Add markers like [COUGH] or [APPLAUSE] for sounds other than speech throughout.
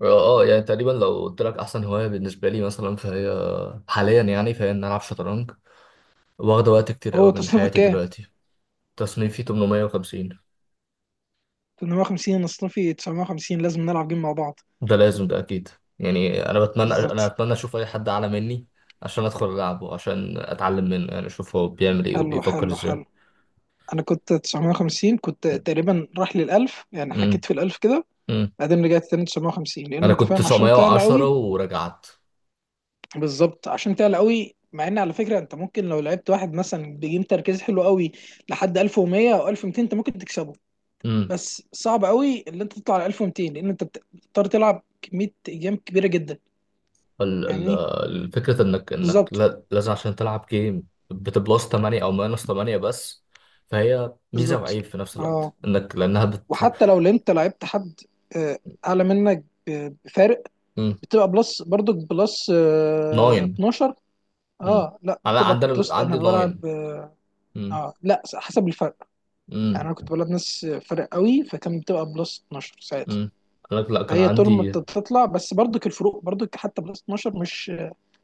اه يعني تقريبا لو قلت لك احسن هوايه بالنسبه لي مثلا فهي حاليا يعني ان العب شطرنج. واخده وقت كتير هو قوي من تصنيفك حياتي كام؟ دلوقتي. تصنيفي 850. 850. انا تصنيفي 950، لازم نلعب جيم مع بعض. ده لازم، ده اكيد. يعني انا بالظبط. اتمنى اشوف اي حد اعلى مني عشان ادخل العبه، عشان اتعلم منه. يعني اشوف هو بيعمل ايه حلو وبيفكر حلو ازاي. حلو. انا كنت 950، كنت تقريبا راح للألف، يعني امم حكيت في الألف كده. امم بعدين رجعت تاني 950، لأن انا أنت كنت فاهم عشان تعلى 910 قوي. ورجعت. بالظبط، عشان تعلى قوي. مع ان على فكره، انت ممكن لو لعبت واحد مثلا بجيم تركيز حلو قوي لحد 1100 او 1200 انت ممكن تكسبه. بس صعب قوي اللي انت تطلع على 1200، لان انت بتضطر تلعب كميه ايام كبيره جدا. ال- ال- فاهمني؟ الفكرة انك انك بالظبط. لا- لازم عشان تلعب جيم بتبلس 8 او ماينس 8 بس. فهي ميزة بالظبط. وعيب في نفس اه، الوقت، انك لانها بت. وحتى لو انت لعبت حد آه، اعلى منك بفارق، بتبقى بلس، برضك بلس 9. 12. اه لا، انا بتبقى عندنا بلس. انا عندي 9. بلعب اه امم لا، حسب الفرق. يعني انا كنت امم بلعب ناس فرق قوي، فكان بتبقى بلس 12 ساعتها. امم انا لا كان فهي طول ما عندي. بتطلع، بس برضك الفروق برضك حتى بلس 12 مش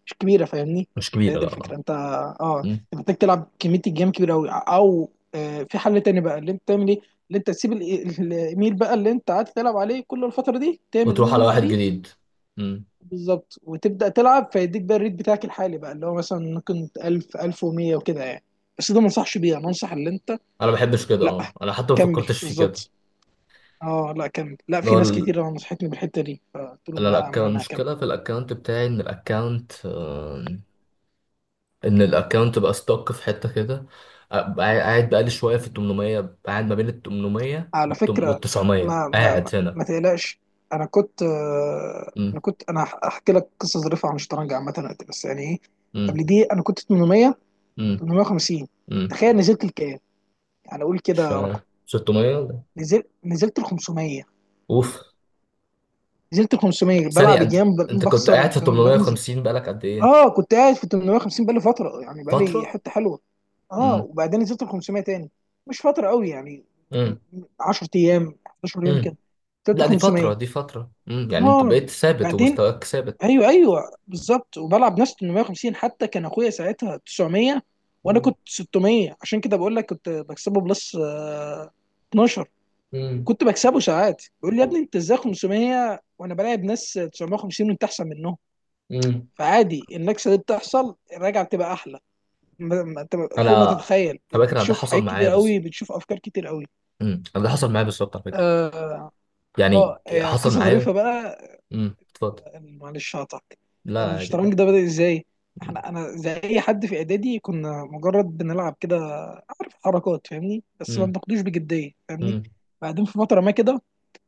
مش كبيره. فاهمني؟ مش هي كبيرة، دي لا. الفكره. انت اه مم. انت محتاج تلعب كميه الجيم كبيره قوي، او في حل تاني بقى اللي انت تعمل ايه. اللي انت تسيب الايميل بقى اللي انت قاعد تلعب عليه كل الفتره دي، تعمل وتروح ايميل على من واحد جديد. جديد. امم. بالظبط، وتبدا تلعب فيديك بقى الريت بتاعك الحالي، بقى اللي هو مثلا ممكن 1000 1100 وكده يعني. بس ده ما انصحش بيه، انا انصح اللي انت... انا ما بحبش كده. لا، اه انا حتى ما كمل فكرتش في كده. بالظبط. اه لا، كمل. لا، اللي في هو ناس ال- كتير نصحتني بالحته دي، فقلت لهم انا لا يا الاكونت، عم انا هكمل. المشكلة في الاكونت بتاعي ان الاكونت بقى ستوك في حته كده. أبقى قاعد بقالي شويه في ال 800. أبقى قاعد ما بين ال 800 على وال فكرة، 900، ما ما ما, قاعد ما هنا. تقلقش. انا كنت آه، انا امم كنت انا هحكي لك قصة ظريفة عن الشطرنج عامة دلوقتي، بس يعني ايه. امم قبل دي انا كنت 800، امم 850. امم تخيل نزلت لكام؟ يعني اقول كده مش عارف. رقم. 600 ولا- نزلت ل 500. اوف. نزلت ل 500 ثانيه، بلعب انت جيم، انت كنت بخسر قاعد في بنزل. 850 بقالك قد ايه؟ اه، كنت قاعد في 850 بقالي فترة، يعني بقالي فتره. حتة حلوة. اه، امم وبعدين نزلت ل 500 تاني، مش فترة قوي يعني، امم 10 ايام 11 يوم امم كده، نزلت لا ل دي 500. فتره، دي فتره. يعني انت اه بقيت ثابت بعدين، ومستواك ثابت. ايوه ايوه، بالظبط. وبلعب ناس 850، حتى كان اخويا ساعتها 900 وانا امم كنت 600، عشان كده بقول لك كنت بكسبه بلس 12. امم كنت بكسبه ساعات، بيقول لي يا ابني انت ازاي 500 وانا بلاعب ناس 950 وانت احسن منهم؟ امم فعادي، النكسه دي بتحصل، الرجعه بتبقى احلى. انت انا، فوق ما تتخيل، على فكره أنا ده بتشوف حصل حاجات معايا كتير بالظبط. قوي، بتشوف افكار كتير قوي. امم، أنا ده حصل معايا بالظبط على فكره. اه. يعني حصل قصه معايا. ظريفه بقى. امم، اتفضل. معلش هقطعك، لا عادي. الشطرنج ده بدأ ازاي؟ امم احنا، انا زي اي حد في اعدادي، كنا مجرد بنلعب كده، عارف حركات، فاهمني، بس ما امم بناخدوش بجديه، فاهمني. امم بعدين في فتره ما كده،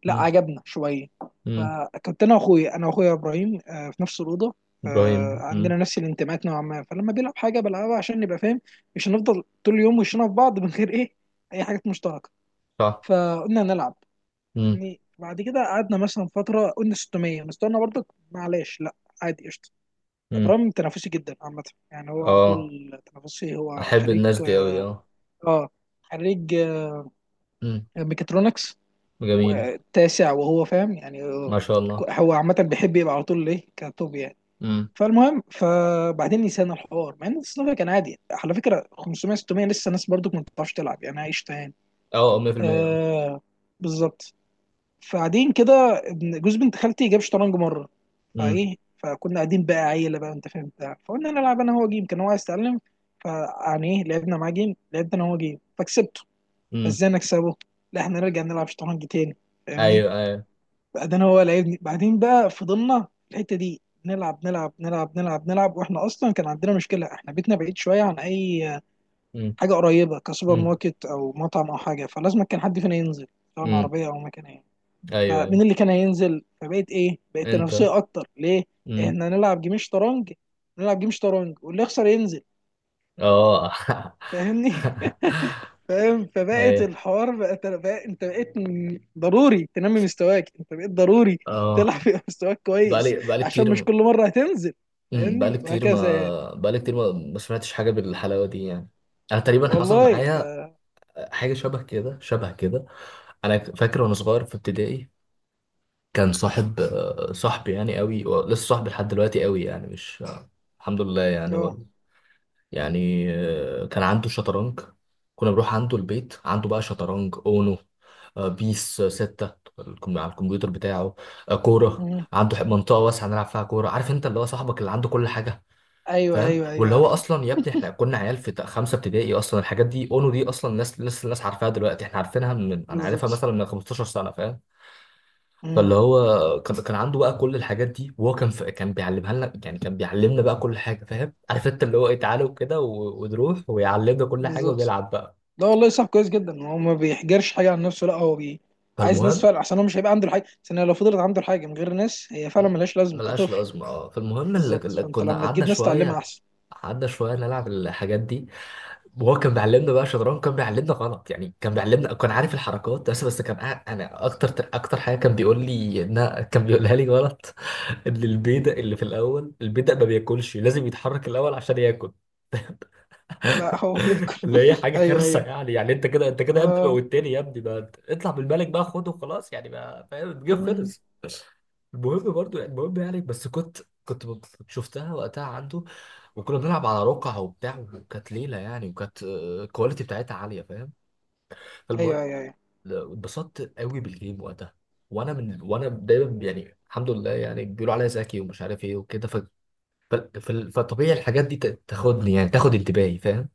لا امم عجبنا شويه. أمم. فكنت انا واخويا، ابراهيم في نفس الاوضه. ابراهيم. عندنا نفس الانتماءات نوعا ما، فلما بيلعب حاجه بلعبها عشان نبقى فاهم، مش هنفضل طول اليوم وشنا في بعض من غير ايه، اي حاجات مشتركه. صح. فقلنا نلعب. امم يعني بعد كده قعدنا مثلا فترة، قلنا 600 مستوانا برضك، معلش لا، عادي، قشطة. امم ابراهيم تنافسي جدا عامة، يعني هو على اه طول تنافسي. هو احب خريج، الناس دي قوي، اه. اه خريج امم ميكاترونكس، جميل. والتاسع، وهو فاهم يعني ما شاء الله. هو عامة بيحب يبقى على طول ايه، كتوب يعني. امم. فالمهم، فبعدين نسينا الحوار. مع ان الصنف كان عادي على فكرة، 500 600 لسه ناس برضك ما بتعرفش تلعب يعني، عايش تاني. اه 100%، اه. آه، بالظبط. فقاعدين كده، جوز بنت خالتي جاب شطرنج مره. امم فايه، فكنا قاعدين بقى عيله بقى، انت فاهم بتاع، فقلنا نلعب انا هو جيم، كان هو عايز يتعلم. فيعني ايه، لعبنا معاه جيم، لعبت انا هو جيم فكسبته. امم فازاي نكسبه؟ لا احنا نرجع نلعب شطرنج تاني، فاهمني؟ ايوه ايوه. بعدين هو لعبني، بعدين بقى فضلنا في الحته دي نلعب نلعب نلعب نلعب نلعب. واحنا اصلا كان عندنا مشكله، احنا بيتنا بعيد شويه عن اي امم حاجه قريبه كسوبر امم ماركت او مطعم او حاجه، فلازم كان حد فينا ينزل، سواء امم عربيه او مكان. ايوه ايوه. فمين اللي كان هينزل؟ فبقيت ايه، بقت انت. تنافسيه اكتر ليه. امم. احنا هنلعب جيم شطرنج، نلعب جيم شطرنج واللي يخسر ينزل، اه. فاهمني. [LAUGHS] فاهم. [LAUGHS] فبقت ايوه. الحوار بقت بقى، انت بقيت ضروري تنمي مستواك، انت بقيت ضروري اه. تلعب في [LAUGHS] مستواك كويس، بقالي، بقالي عشان مش كتير. كل مره هتنزل، بقالي فاهمني، كتير ما، وهكذا يعني. بقالي كتير ما ما سمعتش حاجه بالحلاوه دي يعني. انا تقريبا حصل والله، ف معايا حاجة شبه كده، شبه كده. أنا فاكر وأنا صغير في ابتدائي كان صاحب صاحبي يعني قوي لسه صاحبي لحد دلوقتي قوي يعني مش الحمد لله يعني اه. و... يعني كان عنده شطرنج. كنا بنروح عنده البيت، عنده بقى شطرنج، أونو، بيس ستة. على الكمبيوتر بتاعه. كورة مم، عنده، منطقة واسعة نلعب فيها كورة. عارف أنت اللي هو صاحبك اللي عنده كل حاجة. ايوه فاهم. ايوه ايوه واللي هو عارف. اصلا يا ابني، احنا كنا عيال في خمسه ابتدائي، اصلا الحاجات دي، اونو دي، اصلا ناس لسه الناس عارفاها دلوقتي، احنا عارفينها من، انا عارفها بالظبط. مثلا من 15 سنه. فاهم. مم، فاللي هو كان عنده بقى كل الحاجات دي، وهو كان في... كان بيعلمها لنا. يعني كان بيعلمنا بقى كل حاجه. فاهم، عارف انت اللي هو ايه، تعالوا كده و... ونروح ويعلمنا كل حاجه بالظبط. ونلعب بقى. لا والله، صعب كويس جدا. هو ما بيحجرش حاجه عن نفسه، لا هو بي... عايز ناس فالمهم. فعلا احسن، هو مش هيبقى عنده الحاجه، عشان لو فضلت عنده الحاجه من غير ناس هي فعلا م- ملهاش لازمه، ملهاش كطفل. لازمه، اه. فالمهم اللي... بالظبط، اللي فانت كنا لما قعدنا تجيب ناس تعلمها شويه، احسن. قعدنا شويه نلعب الحاجات دي. وهو كان بيعلمنا بقى شطرنج، كان بيعلمنا غلط. يعني كان بيعلمنا، كان عارف الحركات بس كان قاعد- انا اكتر حاجه كان بيقول لي انها [LAUGHS] كان بيقولها لي غلط [LAUGHS] ان البيدق اللي في الاول، البيدق ما بياكلش، لازم يتحرك الاول عشان ياكل. لا، هو [LAUGHS] بياكل. اللي هي [LAUGHS] حاجه ايوه كارثه ايوه. يعني. يعني انت كده يا ابني اه. موتني يا ابني بقى، اطلع بالملك بقى، خده خلاص. يعني بقى فاهم، الجيم أمم. خلص. المهم برضو، المهم يعني بس كنت، كنت شفتها وقتها عنده. وكنا بنلعب على رقع وبتاع، وكانت ليله يعني، وكانت الكواليتي بتاعتها عاليه. فاهم. فالمهم ايوه ايوه ايوه اتبسطت قوي بالجيم وقتها. وانا من، وانا دايما يعني الحمد لله يعني بيقولوا عليا ذكي ومش عارف ايه وكده. فطبيعي الحاجات دي تاخدني، يعني تاخد انتباهي. فاهم.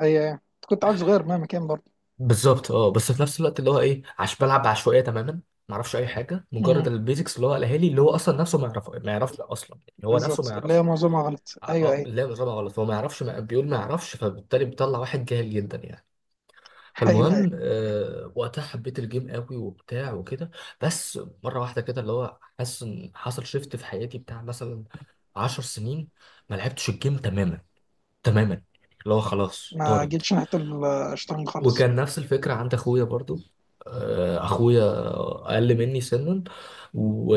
ايوه ايوه. أنت كنت عيل صغير مهما كان برضه. بالظبط، اه. بس في نفس الوقت اللي هو ايه، عش بلعب بعشوائيه تماما. ما اعرفش اي حاجه، مجرد امم. البيزكس اللي هو قالها لي، اللي هو اصلا نفسه ما يعرف، ما يعرفش اصلا. يعني هو نفسه ما بالظبط، اللي هي يعرفش. معظمها غلط. اه ايوه ايوه. لا نظامها غلط، هو ما يعرفش. ما... بيقول ما يعرفش. فبالتالي بيطلع واحد جاهل جدا يعني. [LAUGHS] ايوه فالمهم ايوه. وقتها حبيت الجيم قوي وبتاع وكده. بس مره واحده كده اللي هو حاسس ان حصل شيفت في حياتي بتاع، مثلا عشر سنين ما لعبتش الجيم تماما، تماما، اللي هو خلاص ما طارد. جيتش ناحيه الشطرنج خالص. وكان نفس الفكره عند اخويا برضو. اخويا اقل مني سنا و...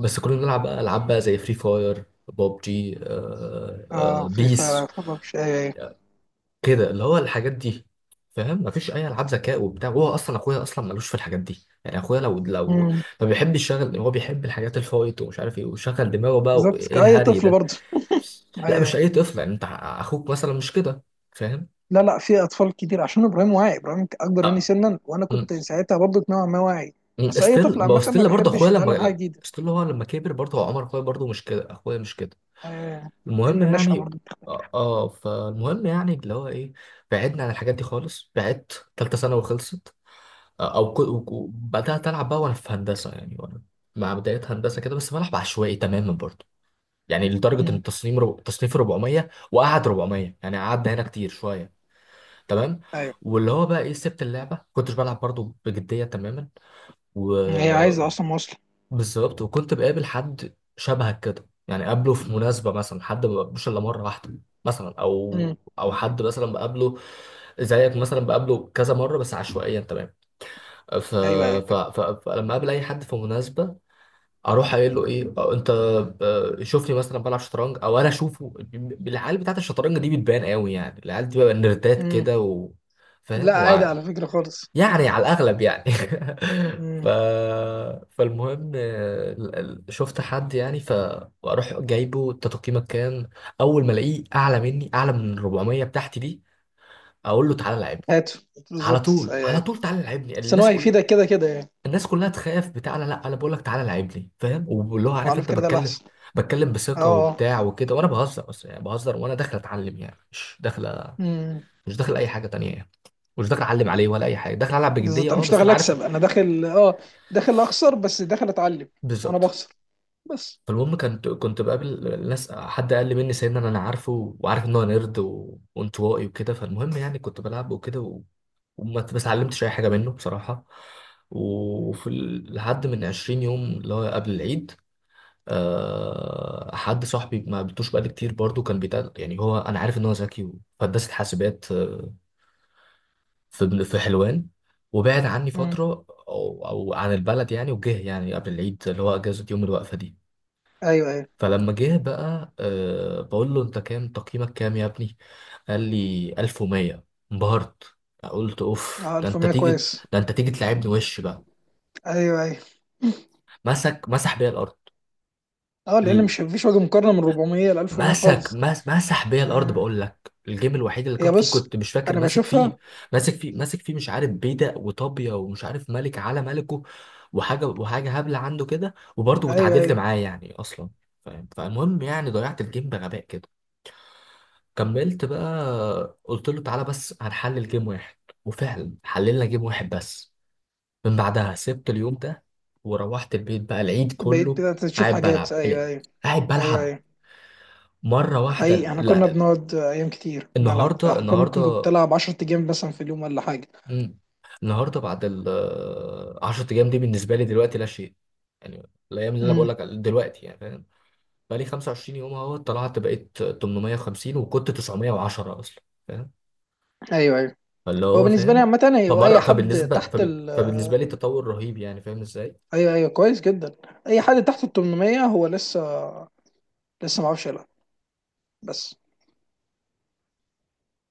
بس كنا بنلعب بقى العاب بقى زي فري فاير، بوب جي، اه، في بيس، فرق فرق، مش ايوه ايوه. كده اللي هو الحاجات دي. فاهم، مفيش اي العاب ذكاء وبتاع. وهو اصلا اخويا اصلا ملوش في الحاجات دي. يعني اخويا لو أمم. ما بيحبش يشغل، هو بيحب الحاجات الفايت ومش عارف ايه، ويشغل دماغه بقى بالظبط، وايه كأي الهري طفل ده. برضه. لا ايوه مش أيوة. اي طفل يعني، انت اخوك مثلا مش كده. فاهم. لا لا، في اطفال كتير. عشان ابراهيم واعي، ابراهيم اكبر مني سنا، وانا مم. كنت ساعتها برضه نوعا ما واعي. مم. بس اي طفل ستيل، ما هو عامه ما ستيل برضه بيحبش اخويا يتعلم حاجه لما، جديده. ستيل هو لما كبر برضه، هو عمر اخويا برضه مش كده، اخويا مش كده. آه، المهم لان النشأة يعني، برضه بتختلف. اه فالمهم يعني اللي هو ايه، بعدنا عن الحاجات دي خالص. بعدت، تالتة ثانوي خلصت. او بدات العب بقى وانا في هندسه، يعني وانا مع بدايه هندسه كده بس بلعب عشوائي تماما برضه. يعني لدرجه ان مم، التصميم تصنيف 400، وقعد 400 يعني، قعدنا هنا كتير شويه. تمام. ايوه. واللي هو بقى ايه، سبت اللعبه كنتش بلعب برضه بجديه تماما، هي عايزه وبالظبط. اصلا مواصله. وكنت بقابل حد شبهك كده يعني، قابله في مناسبه، مثلا حد ما بقابلوش الا مره واحده مثلا، او مم، او حد مثلا بقابله زيك مثلا، بقابله كذا مره بس عشوائيا تماما. ف... ايوه ايوه. فلما اقابل اي حد في مناسبه، اروح قايل له ايه أو انت، شوفني مثلا بلعب شطرنج او انا اشوفه. العيال بتاعت الشطرنج دي بتبان قوي يعني، العيال دي بقى نردات مم، كده و... فاهم لا عادي وع... على فكره خالص. يعني على الاغلب يعني. [LAUGHS] ف... مم، فالمهم شفت حد يعني، فاروح جايبه انت تقييمك كام. اول ما الاقيه اعلى مني، اعلى من 400 بتاعتي دي، اقول له تعالى لعبني. هاته. على بالظبط طول، ايوه على ايوه. طول تعالى لعبني. بس إن هو الناس كلها، هيفيدك كده كده يعني. الناس كلها تخاف بتاع لا لا انا بقول لك تعالى لعب لي. فاهم. واللي هو عارف وعلى انت فكره ده بتكلم، الاحسن. بتكلم اه. بثقه اه. وبتاع وكده، وانا بهزر بس يعني. بهزر وانا داخل اتعلم، يعني مش داخل، مم، مش داخل اي حاجه تانية يعني، مش داخل اعلم عليه ولا اي حاجه، داخل العب بجديه بالظبط، انا اه مش بس داخل انا عارف. اكسب، انا داخل اه داخل اخسر، بس داخل اتعلم، وانا بالظبط. بخسر بس. فالمهم، كنت بقابل ناس، حد اقل مني سنا انا عارفه وعارف ان هو نيرد وانطوائي وكده. فالمهم يعني كنت بلعب وكده و... وما ما اتعلمتش اي حاجه منه بصراحه. لحد من 20 يوم اللي هو قبل العيد، حد صاحبي ما قابلتوش بقالي كتير برضو، كان بيتقال يعني هو، انا عارف ان هو ذكي في هندسه حاسبات، في في حلوان، وبعد عني مم، فتره او عن البلد يعني، وجه يعني قبل العيد اللي هو اجازه يوم الوقفه دي. ايوه ايوه. فلما جه بقى أه بقول له انت كام، تقييمك كام يا ابني؟ قال لي 1100. انبهرت. قلت اوف، اه، ده انت 1100 تيجي، كويس. ده انت تيجي تلعبني وش بقى. ايوه ايوه. مسك مسح بيا الارض. اه، لان مش مفيش وجه مقارنه من 400 ل 1100 مسك خالص. مس مسح بيا الارض. آه. بقول لك الجيم الوحيد اللي هي كان فيه بص، كنت مش فاكر انا ماسك فيه، بشوفها. ماسك فيه مش عارف بيدق وطابيه ومش عارف ملك على ملكه، وحاجه هبله عنده كده وبرضه ايوه اتعادلت ايوه. معاه يعني اصلا. فاهم. فالمهم يعني ضيعت الجيم بغباء كده. كملت بقى قلت له تعالى بس هنحلل جيم واحد. وفعلا حللنا جيم واحد بس. من بعدها سبت اليوم ده، وروحت البيت بقى العيد بقيت كله بدأت تشوف قاعد حاجات، بلعب، ايوه ايوه قاعد ايوه بلعب، ايوه. مرة حقيقي، واحدة. احنا كنا بنقعد ايام كتير بنلعب، النهارده حرفيا ممكن النهارده كنت العب 10 جيم مثلا في اليوم ولا حاجه. مم. النهارده بعد ال 10 ايام دي بالنسبه لي دلوقتي لا شيء يعني. الايام اللي انا بقول امم، لك على- دلوقتي يعني، فاهم. بقى لي 25 يوم اهو، طلعت بقيت 850 وكنت 910 اصلا. فاهم. ايوه ايوه. فاللي هو هو بالنسبه لي فاهم. عامه، هو اي حد تحت ال... فبالنسبه لي تطور رهيب يعني، فاهم ازاي. ايوه ايوه، كويس جدا. اي حد تحت ال 800 هو لسه، لسه ما عرفش يلعب بس.